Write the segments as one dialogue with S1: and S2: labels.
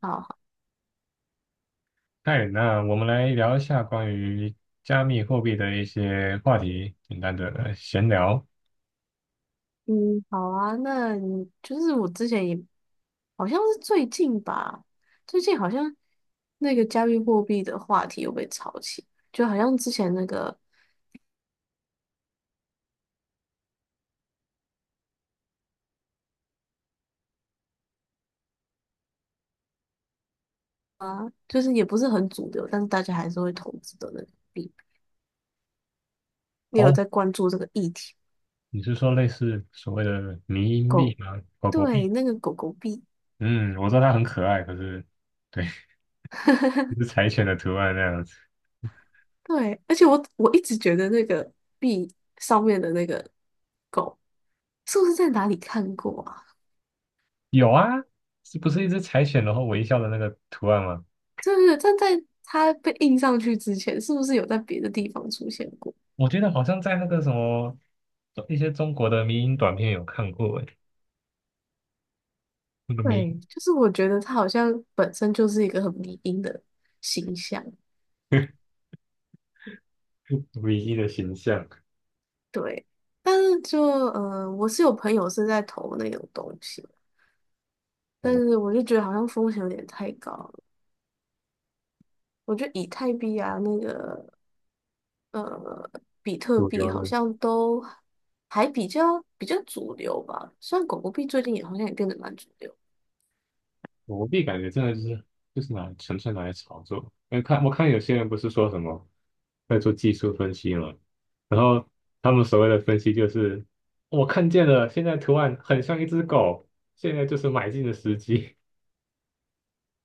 S1: 好，好。
S2: 嗨，那我们来聊一下关于加密货币的一些话题，简单的闲聊。
S1: 嗯，好啊。那你就是我之前也好像是最近吧，最近好像那个加密货币的话题又被炒起，就好像之前那个就是也不是很主流，但是大家还是会投资的那个币。你有
S2: 哦，
S1: 在关注这个议题？
S2: 你是说类似所谓的迷因币
S1: 狗，
S2: 吗？狗狗
S1: 对，
S2: 币？
S1: 那个狗狗币。
S2: 嗯，我知道它很可爱，可是对，一只 柴犬的图案那样子。
S1: 对，而且我一直觉得那个币上面的那个狗，是不是在哪里看过啊？
S2: 有啊，是不是一只柴犬然后微笑的那个图案吗？
S1: 对对对，但在它被印上去之前，是不是有在别的地方出现过？
S2: 我觉得好像在那个什么一些中国的迷因短片有看过诶，那个迷
S1: 对就是我觉得它好像本身就是一个很迷因的形象，
S2: 迷机 的形象，
S1: 对。但是我是有朋友是在投那种东西，但
S2: 哦，
S1: 是我就觉得好像风险有点太高了。我觉得以太币啊，呃，比特
S2: 主
S1: 币
S2: 流
S1: 好
S2: 的。
S1: 像都还比较主流吧。虽然狗狗币最近也好像也变得蛮主流。
S2: 我币感觉真的就是拿纯粹拿来炒作。因为我看有些人不是说什么在做技术分析嘛，然后他们所谓的分析就是我看见了，现在图案很像一只狗，现在就是买进的时机。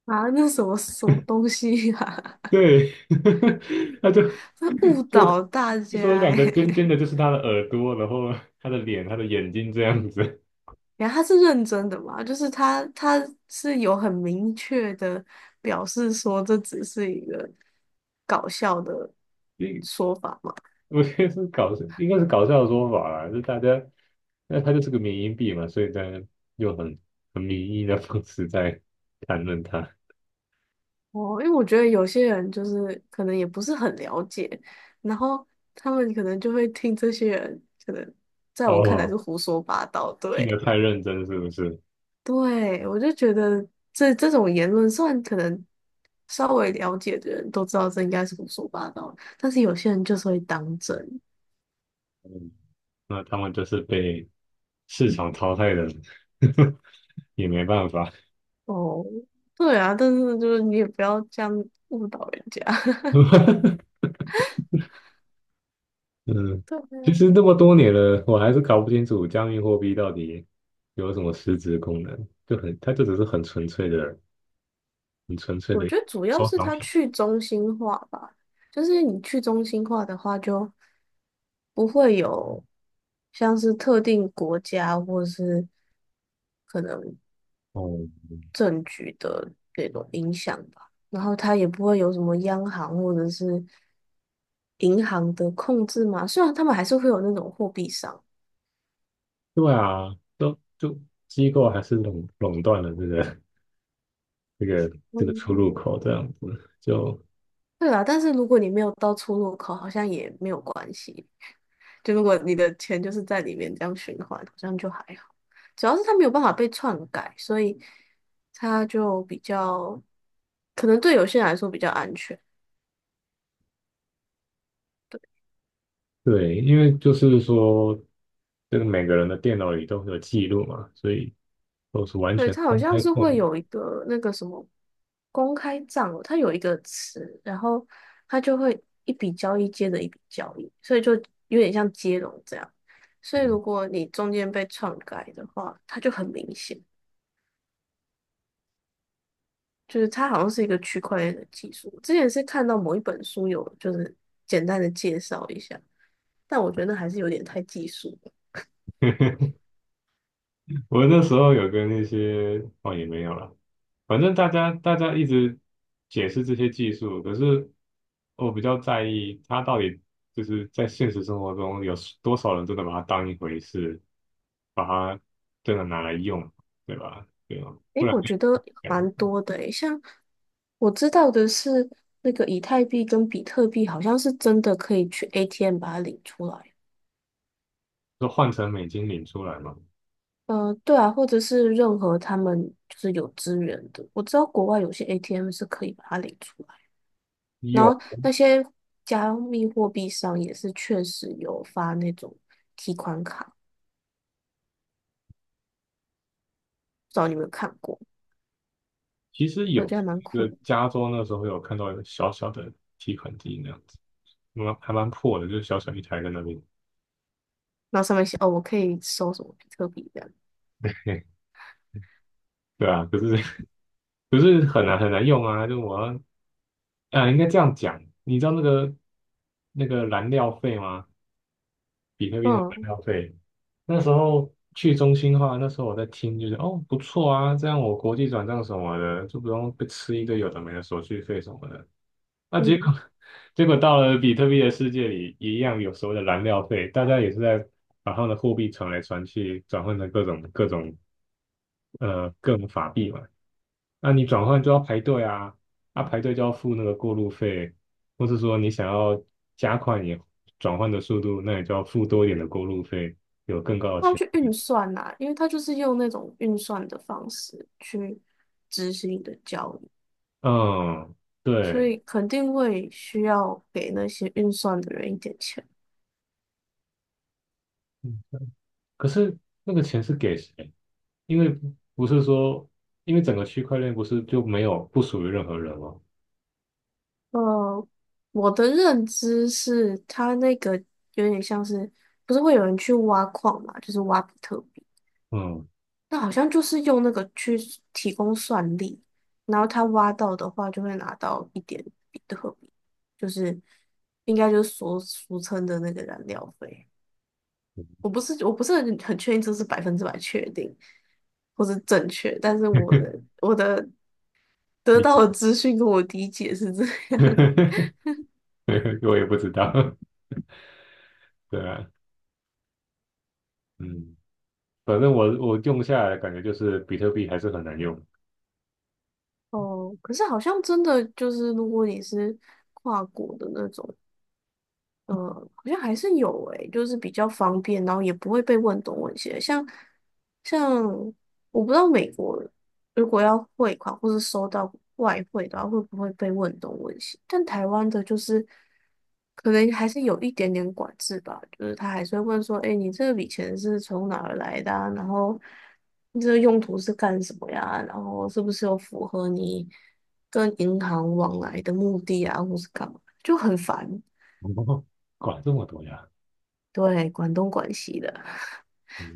S1: 啊，那什么什么东西啊？
S2: 对，他就
S1: 他误
S2: 就
S1: 导大
S2: 说
S1: 家
S2: 两
S1: 诶。
S2: 个尖尖的就是他的耳朵，然后他的脸、他的眼睛这样子。
S1: 然后他是认真的嘛？就是他是有很明确的表示说这只是一个搞笑的 说法嘛？
S2: 我觉得是搞笑，应该是搞笑的说法啦，就大家，那它就是个缅因币嘛，所以大家用很民意的方式在谈论它。
S1: 哦，因为我觉得有些人就是可能也不是很了解，然后他们可能就会听这些人，可能在我看来是
S2: 哦，
S1: 胡说八道，
S2: 听
S1: 对。
S2: 得太认真是不是？
S1: 对，我就觉得这种言论，虽然可能稍微了解的人都知道这应该是胡说八道，但是有些人就是会当真
S2: 嗯，那他们就是被市场淘汰的人，也没办法。
S1: 哦。对啊，但是就是你也不要这样误导人家。
S2: 嗯，
S1: 对
S2: 其
S1: 啊。
S2: 实那么多年了，我还是搞不清楚加密货币到底有什么实质功能，就很，它就只是很纯粹的、很纯粹
S1: 我
S2: 的
S1: 觉得主要
S2: 收
S1: 是
S2: 藏
S1: 它
S2: 品。
S1: 去中心化吧，就是你去中心化的话，就不会有像是特定国家或是。可能。
S2: 哦，
S1: 政局的那种影响吧。然后它也不会有什么央行或者是银行的控制嘛。虽然他们还是会有那种货币商，
S2: 对啊，都就机构还是垄断了这个 这个出
S1: 嗯，
S2: 入口这样子，就
S1: 对啦。但是如果你没有到出入口，好像也没有关系。就如果你的钱就是在里面这样循环，好像就还好。主要是它没有办法被篡改，所以它就比较，可能对有些人来说比较安全。
S2: 对，因为就是说，这个每个人的电脑里都会有记录嘛，所以都是完
S1: 对，
S2: 全
S1: 它好
S2: 公
S1: 像
S2: 开
S1: 是
S2: 透
S1: 会
S2: 明。
S1: 有一个那个什么公开账哦它有一个词，然后它就会一笔交易接着一笔交易，所以就有点像接龙这样。所以如果你中间被篡改的话，它就很明显，就是它好像是一个区块链的技术。之前是看到某一本书有就是简单的介绍一下，但我觉得那还是有点太技术。
S2: 我那时候有跟那些哦也没有了，反正大家一直解释这些技术，可是我比较在意它到底就是在现实生活中有多少人真的把它当一回事，把它真的拿来用，对吧？对吧？不
S1: 诶，
S2: 然
S1: 我
S2: 就
S1: 觉得
S2: 讲
S1: 蛮多的诶，像我知道的是，那个以太币跟比特币好像是真的可以去 ATM 把它领出来。
S2: 就换成美金领出来嘛。
S1: 对啊，或者是任何他们就是有资源的，我知道国外有些 ATM 是可以把它领出来，然
S2: 有，
S1: 后那些加密货币上也是确实有发那种提款卡，不知道你有没有看过？
S2: 其实
S1: 我觉
S2: 有
S1: 得还蛮
S2: 一
S1: 酷
S2: 个
S1: 的。
S2: 加州那时候有看到一个小小的提款机那样子，蛮还蛮破的，就是小小一台在那边。
S1: 然后上面写哦，我可以收什么比特币这样。
S2: 对啊，可是不是很难用啊，就我要啊，应该这样讲，你知道那个燃料费吗？比特币的燃
S1: 嗯
S2: 料费，那时候去中心化，那时候我在听，就是哦不错啊，这样我国际转账什么的就不用被吃一堆有的没的手续费什么的。那结果
S1: 嗯。
S2: 结果到了比特币的世界里，一样有所谓的燃料费，大家也是在把他们的货币传来传去，转换成各种各种法币嘛。那你转换就要排队啊，啊排队就要付那个过路费，或是说你想要加快你转换的速度，那你就要付多一点的过路费，有更高的
S1: 他
S2: 钱。
S1: 去运算呐、因为他就是用那种运算的方式去执行你的交易，
S2: 嗯，
S1: 所
S2: 对，
S1: 以肯定会需要给那些运算的人一点钱。
S2: 嗯，可是那个钱是给谁？因为不是说，因为整个区块链不是就没有不属于任何人吗？
S1: 呃，我的认知是，他那个有点像是，不是会有人去挖矿嘛，就是挖比特币，
S2: 嗯，
S1: 那好像就是用那个去提供算力，然后他挖到的话就会拿到一点比特币，就是应该就是所俗称的那个燃料费。我不是很确定这是百分之百确定或是正确，但是我的得
S2: 你
S1: 到的资讯跟我理解是这样。
S2: 我也不知道，对啊，嗯，反正我用下来的感觉就是比特币还是很难用，
S1: 哦，可是好像真的就是，如果你是跨国的那种，嗯，好像还是有诶、就是比较方便，然后也不会被问东问西的像我不知道美国如果要汇款或是收到外汇的话，会不会被问东问西？但台湾的就是可能还是有一点点管制吧，就是他还是会问说，哎、你这笔钱是从哪儿来的啊然后你这个用途是干什么呀？然后是不是有符合你跟银行往来的目的啊，或是干嘛？就很烦。
S2: 哦，管这么多呀。
S1: 对，广东广西的，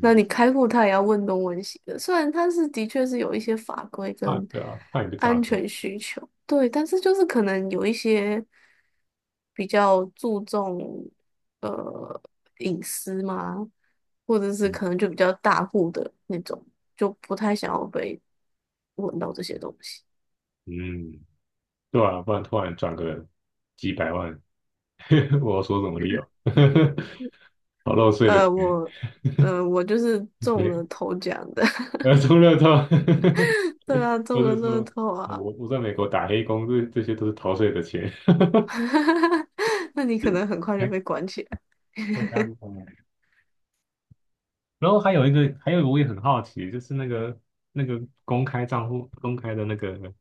S1: 那你开户他也要问东问西的。虽然他是的确是有一些法规
S2: 啊，
S1: 跟
S2: 对啊，怕你被诈
S1: 安
S2: 骗，
S1: 全需求，对，但是就是可能有一些比较注重呃隐私嘛，或者是
S2: 嗯，
S1: 可能就比较大户的那种，就不太想要被问到这些东西。
S2: 嗯，对啊，不然突然转个几百万，我要说什么理由？好漏税的
S1: 呃，
S2: 钱，
S1: 我我就是中
S2: 没，
S1: 了头奖的。
S2: 呃，中乐透，
S1: 对啊，
S2: 或
S1: 中了
S2: 是
S1: 乐
S2: 说
S1: 透
S2: 我
S1: 啊。
S2: 我在美国打黑工，这些都是逃税的钱。
S1: 哈哈哈那你可能很 快就
S2: 哎，
S1: 被关起来。
S2: 太尴尬了。然后还有一个，还有一个我也很好奇，就是那个公开账户、公开的那个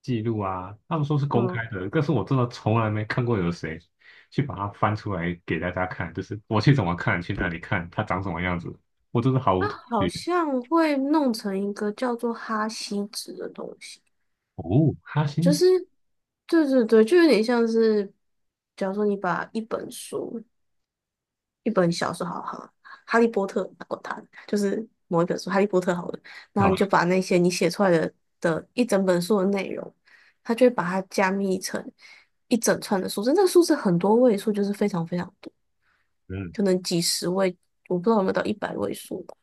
S2: 记录啊，他们说是公开
S1: 嗯，
S2: 的，但是我真的从来没看过有谁去把它翻出来给大家看，就是我去怎么看，去那里看，它长什么样子，我真的毫无头
S1: 好
S2: 绪。
S1: 像会弄成一个叫做哈希值的东西，
S2: 哦，哈星
S1: 就
S2: 子
S1: 是对对对，就有点像是，假如说你把一本书、一本小说，好好，《哈利波特》，管它，就是某一本书《哈利波特》好了，然后
S2: 啊，
S1: 你就把那些你写出来的的一整本书的内容，它就会把它加密成一整串的数字，那个数字很多位数，就是非常非常多。
S2: 嗯，
S1: 可能几十位，我不知道有没有到一百位数吧。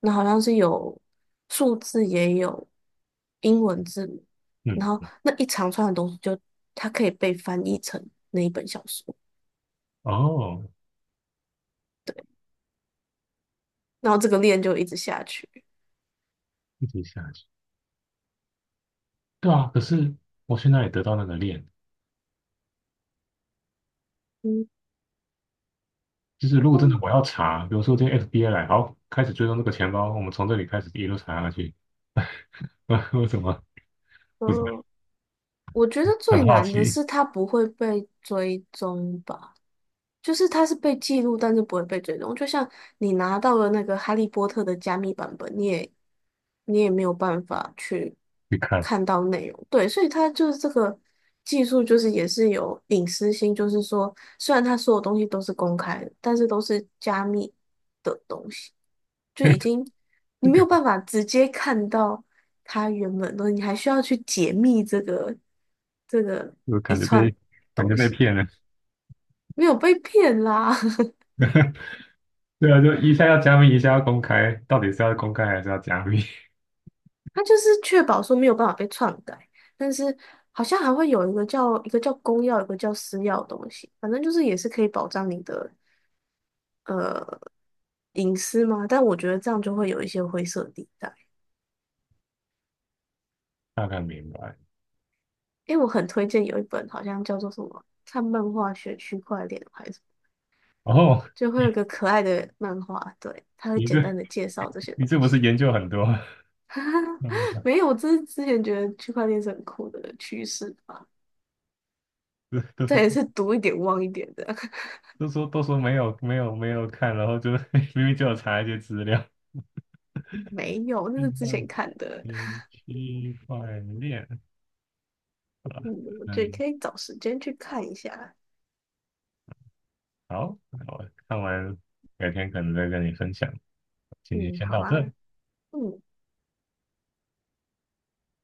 S1: 那好像是有数字也有英文字母，然后
S2: 嗯，
S1: 那一长串的东西就它可以被翻译成那一本小说，
S2: 哦，
S1: 然后这个链就一直下去。
S2: 一直下去，对啊，可是我去哪里得到那个链？
S1: 嗯，
S2: 就是如果真的我要查，比如说今天 FBI 来，好，开始追踪这个钱包，我们从这里开始一路查下去。为什么？不是
S1: 呃，我觉得最
S2: 很好
S1: 难的
S2: 奇
S1: 是它不会被追踪吧。就是它是被记录，但是不会被追踪。就像你拿到了那个《哈利波特》的加密版本，你也没有办法去
S2: 去看，
S1: 看到内容。对，所以它就是这个技术，就是也是有隐私性，就是说虽然它所有东西都是公开的，但是都是加密的东西，就已 经你没有办法直接看到它原本的东西，你还需要去解密这个
S2: 就
S1: 一
S2: 感觉
S1: 串
S2: 被
S1: 东
S2: 骗
S1: 西，
S2: 了。
S1: 没有被骗啦。
S2: 对啊，就一下要加密，一下要公开，到底是要公开还是要加密？
S1: 它就是确保说没有办法被篡改，但是好像还会有一个叫公钥，一个叫私钥的东西，反正就是也是可以保障你的呃隐私嘛。但我觉得这样就会有一些灰色地带。
S2: 大概明白。
S1: 因为我很推荐有一本好像叫做什么《看漫画学区块链》还是什么
S2: 哦，
S1: 就会有一个可爱的漫画，对，它会
S2: 你
S1: 简单
S2: 这
S1: 的介绍这些东
S2: 不是
S1: 西。
S2: 研究很多？那我想
S1: 没有，这是之前觉得区块链是很酷的趋势吧？
S2: 都都
S1: 这
S2: 说
S1: 也是读一点忘一点的。
S2: 都说没有没有没有看，然后就 明明就有查一些资料。
S1: 没有，那是
S2: 嗯，
S1: 之前看的。
S2: 嗯区块链，
S1: 嗯，对，
S2: 嗯，
S1: 可以找时间去看一下。
S2: 好，那我看完，改天可能再跟你分享。今天
S1: 嗯，
S2: 先
S1: 好
S2: 到
S1: 啊，
S2: 这。
S1: 嗯。